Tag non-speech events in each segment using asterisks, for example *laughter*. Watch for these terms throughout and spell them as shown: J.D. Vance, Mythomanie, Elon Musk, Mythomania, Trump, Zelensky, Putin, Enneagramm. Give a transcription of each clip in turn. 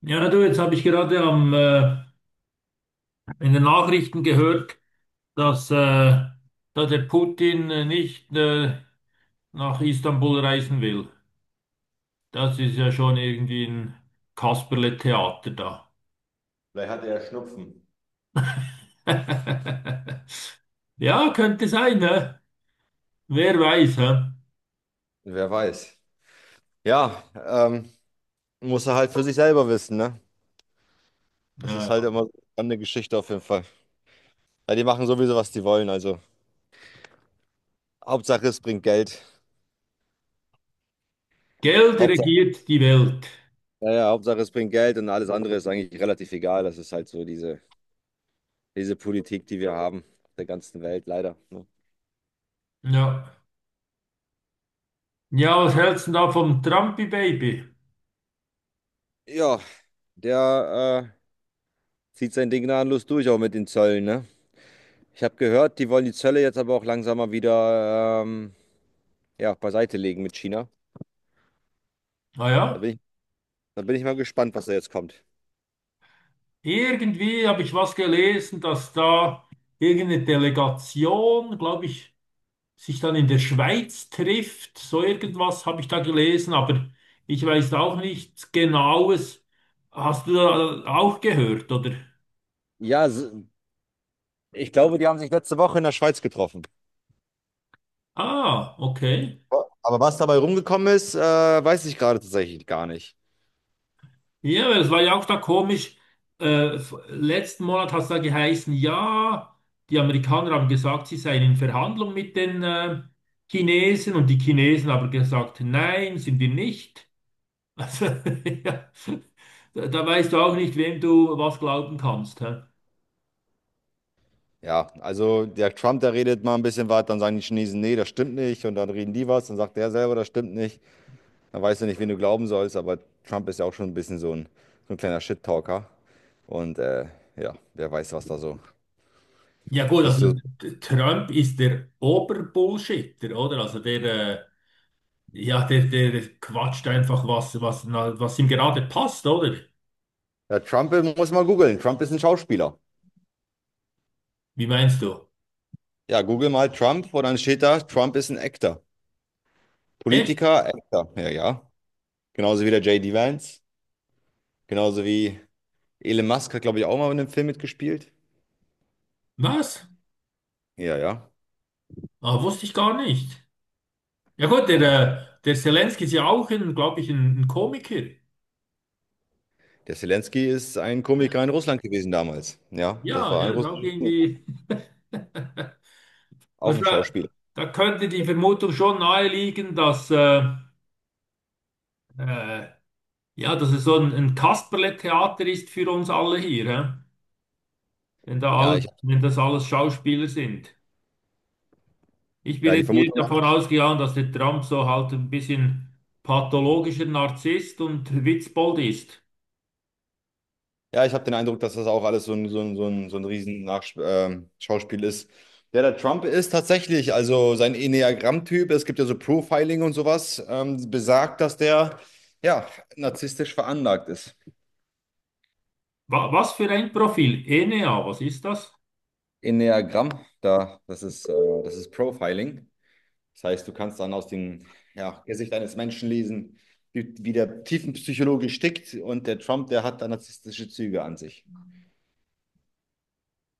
Ja, du, jetzt habe ich gerade in den Nachrichten gehört, dass da der Putin nicht nach Istanbul reisen will. Das ist ja schon irgendwie ein Kasperle-Theater da. Vielleicht hatte er Schnupfen. *laughs* Ja, könnte sein, ne? Wer weiß, hä? Ja. Wer weiß. Ja, muss er halt für sich selber wissen, ne? Das ist halt Ja. immer eine Geschichte auf jeden Fall. Weil die machen sowieso, was die wollen. Also Hauptsache es bringt Geld. Geld Hauptsache, regiert die Welt. ja, ja, Hauptsache es bringt Geld und alles andere ist eigentlich relativ egal. Das ist halt so diese Politik, die wir haben, der ganzen Welt leider. Ne? Ja. Ja, was hältst du denn da vom Trumpy-Baby? Ja, der zieht sein Ding gnadenlos durch, auch mit den Zöllen, ne? Ich habe gehört, die wollen die Zölle jetzt aber auch langsam mal wieder ja, beiseite legen mit China. Ah Da bin ja. ich Da bin ich mal gespannt, was da jetzt kommt. Irgendwie habe ich was gelesen, dass da irgendeine Delegation, glaube ich, sich dann in der Schweiz trifft. So irgendwas habe ich da gelesen, aber ich weiß auch nichts Genaues. Hast du da auch gehört, oder? Ja, ich glaube, die haben sich letzte Woche in der Schweiz getroffen. Ah, okay. Aber was dabei rumgekommen ist, weiß ich gerade tatsächlich gar nicht. Ja, weil es war ja auch da komisch. Letzten Monat hat es da geheißen, ja, die Amerikaner haben gesagt, sie seien in Verhandlung mit den Chinesen, und die Chinesen haben gesagt, nein, sind wir nicht. Also, *laughs* ja. Da weißt du auch nicht, wem du was glauben kannst. Hä? Ja, also der Trump, der redet mal ein bisschen was, dann sagen die Chinesen, nee, das stimmt nicht. Und dann reden die was, dann sagt der selber, das stimmt nicht. Dann weißt du nicht, wen du glauben sollst, aber Trump ist ja auch schon ein bisschen so ein kleiner Shit-Talker. Und ja, wer weiß, was da so. Ja gut, Was also du, Trump ist der Oberbullshitter, oder? Also ja, der quatscht einfach was, was ihm gerade passt, oder? ja, Trump muss mal googeln. Trump ist ein Schauspieler. Wie meinst du? Ja, google mal Trump und dann steht da, Trump ist ein Actor. Echt? Politiker, Actor, ja, ja. Genauso wie der J.D. Vance. Genauso wie Elon Musk hat, glaube ich, auch mal in einem Film mitgespielt. Was? Ja, ja. Ah, wusste ich gar nicht. Ja gut, Ja. Der Zelensky ist ja auch, glaube ich, ein Komiker. Der Zelensky ist ein Komiker in Russland gewesen damals. Ja, das Ja, war ja, ein ist auch russischer Komiker, irgendwie. auch Was ein da, Schauspieler. da könnte die Vermutung schon naheliegen, dass äh, ja, dass es so ein Kasperle-Theater ist für uns alle hier, hä? Ja, ich, Wenn das alles Schauspieler sind. Ich bin ja, die jetzt hier Vermutung, davon ausgegangen, dass der Trump so halt ein bisschen pathologischer Narzisst und Witzbold ist. ja, ich habe den Eindruck, dass das auch alles so ein riesen Nach Schauspiel ist. Der Trump ist tatsächlich, also sein Enneagramm-Typ. Es gibt ja so Profiling und sowas, besagt, dass der, ja, narzisstisch veranlagt ist. Wa Was für ein Profil? ENEA, was ist das? Enneagramm, das ist Profiling. Das heißt, du kannst dann aus dem ja, Gesicht eines Menschen lesen, wie der Tiefenpsychologe tickt und der Trump, der hat da narzisstische Züge an sich.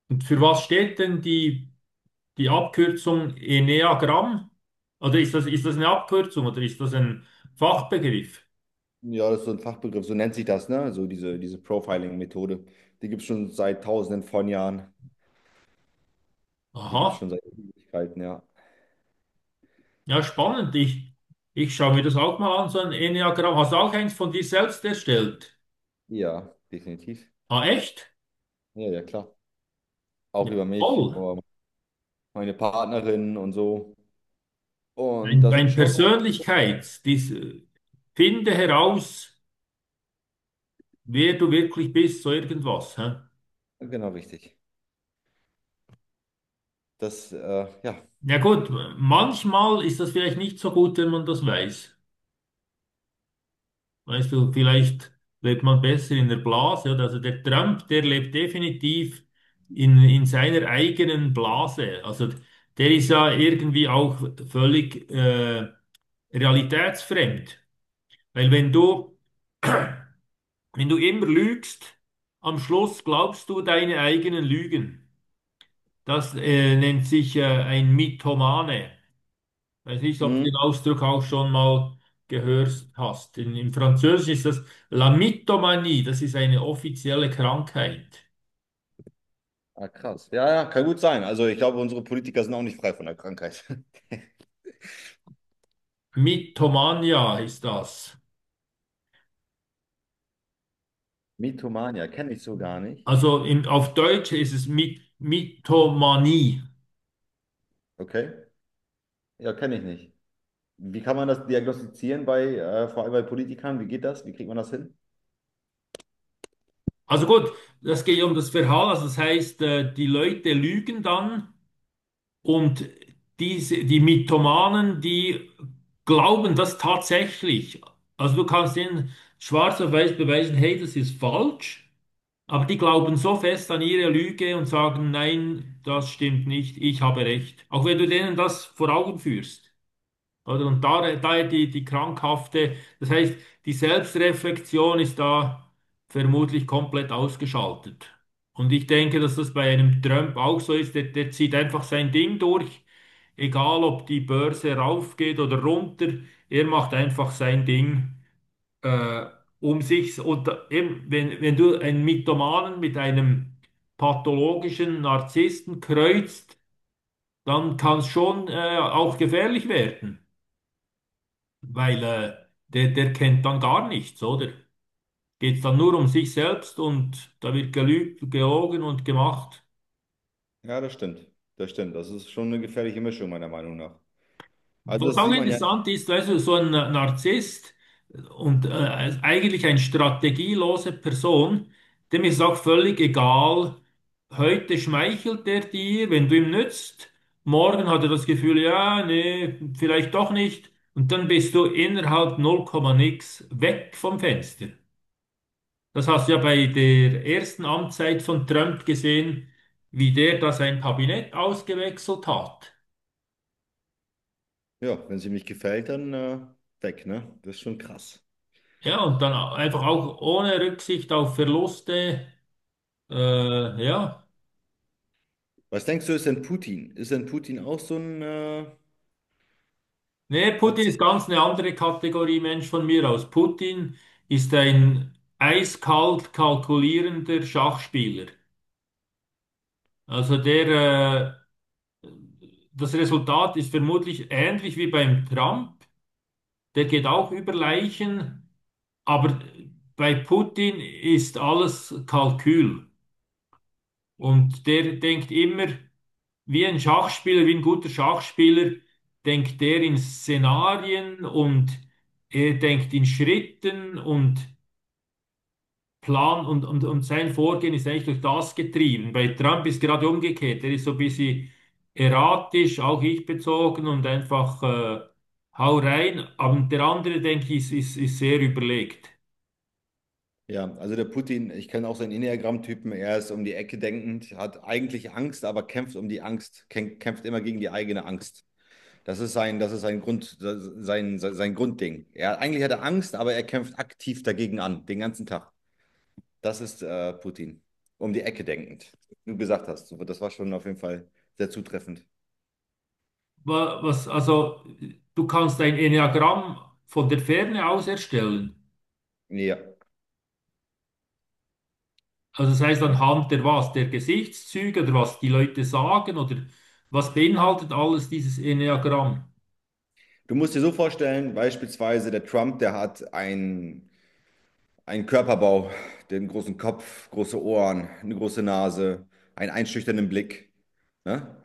Und für was steht denn die Abkürzung Enneagramm? Oder ist das eine Abkürzung oder ist das ein Fachbegriff? Ja, das ist so ein Fachbegriff, so nennt sich das, ne? So diese Profiling-Methode. Die gibt es schon seit tausenden von Jahren. Die gibt es Aha. schon seit Ewigkeiten, ja. Ja, spannend. Ich schaue mir das auch mal an, so ein Enneagramm. Hast du auch eins von dir selbst erstellt? Ja, definitiv. Ah, echt? Ja, ja, klar. Auch Ja, über mich, toll. über meine Partnerin und so. Und Ein, da sind ein schon, Persönlichkeits, dies, äh, Finde heraus, wer du wirklich bist, so irgendwas. Hä? genau richtig. Das, ja. Ja gut, manchmal ist das vielleicht nicht so gut, wenn man das weiß. Weißt du, vielleicht lebt man besser in der Blase, oder? Also der Trump, der lebt definitiv in seiner eigenen Blase. Also der ist ja irgendwie auch völlig realitätsfremd. Weil wenn du immer lügst, am Schluss glaubst du deine eigenen Lügen. Das nennt sich ein Mythomane. Weiß nicht, ob du Mhm. den Ausdruck auch schon mal gehört hast. Im Französischen ist das La Mythomanie, das ist eine offizielle Krankheit. Ah, krass. Ja, ja, kann gut sein. Also ich glaube, unsere Politiker sind auch nicht frei von der Krankheit. *laughs* Mythomania ist das. Mythomania, kenne ich so gar nicht. Auf Deutsch ist es My Mythomanie. Okay. Ja, kenne ich nicht. Wie kann man das diagnostizieren bei, vor allem bei Politikern? Wie geht das? Wie kriegt man das hin? Also gut, das geht um das Verhalten, also das heißt, die Leute lügen dann, und die Mythomanen, die glauben das tatsächlich. Also du kannst ihnen schwarz auf weiß beweisen, hey, das ist falsch. Aber die glauben so fest an ihre Lüge und sagen, nein, das stimmt nicht, ich habe recht. Auch wenn du denen das vor Augen führst. Oder? Und die krankhafte, das heißt, die Selbstreflexion ist da vermutlich komplett ausgeschaltet. Und ich denke, dass das bei einem Trump auch so ist. Der zieht einfach sein Ding durch, egal ob die Börse raufgeht oder runter, er macht einfach sein Ding äh, um sich eben, wenn du einen Mythomanen mit einem pathologischen Narzissten kreuzt, dann kann es schon auch gefährlich werden, weil der kennt dann gar nichts, oder? Geht es dann nur um sich selbst, und da wird gelügt, gelogen und gemacht. Ja, das stimmt. Das stimmt. Das ist schon eine gefährliche Mischung, meiner Meinung nach. Also Was das auch sieht man ja, interessant ist, weißt du, so ein Narzisst und eigentlich eine strategielose Person, dem ist auch völlig egal, heute schmeichelt er dir, wenn du ihm nützt, morgen hat er das Gefühl, ja, nee, vielleicht doch nicht, und dann bist du innerhalb 0, nix weg vom Fenster. Das hast du ja bei der ersten Amtszeit von Trump gesehen, wie der da sein Kabinett ausgewechselt hat. ja, wenn es ihm nicht gefällt, dann weg, ne? Das ist schon krass. Ja, und dann einfach auch ohne Rücksicht auf Verluste. Ja. Was denkst du, ist denn Putin? Ist denn Putin auch so ein Nee, Putin ist Narzisst? ganz eine andere Kategorie Mensch von mir aus. Putin ist ein eiskalt kalkulierender Schachspieler. Also der, äh, Das Resultat ist vermutlich ähnlich wie beim Trump. Der geht auch über Leichen, aber bei Putin ist alles Kalkül. Und der denkt immer, wie ein Schachspieler, wie ein guter Schachspieler, denkt er in Szenarien, und er denkt in Schritten und Plan, und, und sein Vorgehen ist eigentlich durch das getrieben. Bei Trump ist gerade umgekehrt. Er ist so ein bisschen erratisch, auch ich bezogen und einfach hau rein. Aber der andere, denke ich, ist sehr überlegt. Ja, also der Putin, ich kenne auch seinen Enneagramm-Typen, er ist um die Ecke denkend, hat eigentlich Angst, aber kämpft um die Angst, kämpft immer gegen die eigene Angst. Das ist sein Grund, sein Grundding. Er, eigentlich hat er Angst, aber er kämpft aktiv dagegen an, den ganzen Tag. Das ist Putin, um die Ecke denkend. Wie du gesagt hast, so, das war schon auf jeden Fall sehr zutreffend. Was, also, du kannst ein Enneagramm von der Ferne aus erstellen. Ja. Also das heißt Ne? anhand der was, der Gesichtszüge oder was die Leute sagen oder was beinhaltet alles dieses Enneagramm? Du musst dir so vorstellen, beispielsweise der Trump, der hat ein Körperbau, den großen Kopf, große Ohren, eine große Nase, einen einschüchternden Blick. Ne?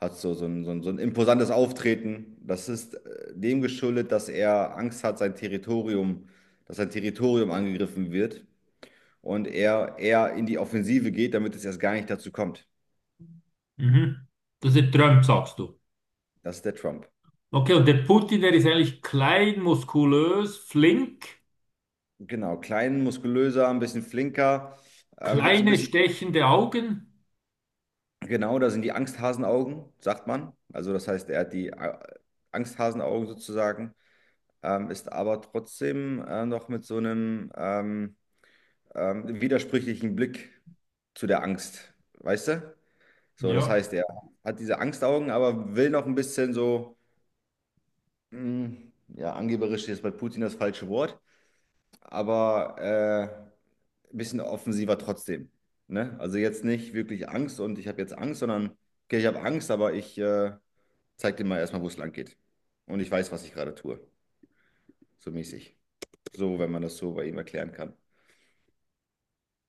Hat so, so ein imposantes Auftreten. Das ist dem geschuldet, dass er Angst hat, sein Territorium, dass sein Territorium angegriffen wird und er eher in die Offensive geht, damit es erst gar nicht dazu kommt. Mhm. Das ist der Trump, sagst du. Das ist der Trump. Okay, und der Putin, der ist eigentlich klein, muskulös, flink, Genau, klein, muskulöser, ein bisschen flinker, hat so ein kleine bisschen stechende Augen. Genau, da sind die Angsthasenaugen, sagt man. Also das heißt, er hat die Angsthasenaugen sozusagen, ist aber trotzdem noch mit so einem widersprüchlichen Blick zu der Angst, weißt du? So, das Ja. heißt, er hat diese Angstaugen, aber will noch ein bisschen so, mh, ja, angeberisch ist jetzt bei Putin das falsche Wort, aber ein bisschen offensiver trotzdem. Ne? Also jetzt nicht wirklich Angst und ich habe jetzt Angst, sondern, okay, ich habe Angst, aber ich... Zeig dir mal erstmal, wo es lang geht. Und ich weiß, was ich gerade tue. So mäßig. So, wenn man das so bei ihm erklären kann.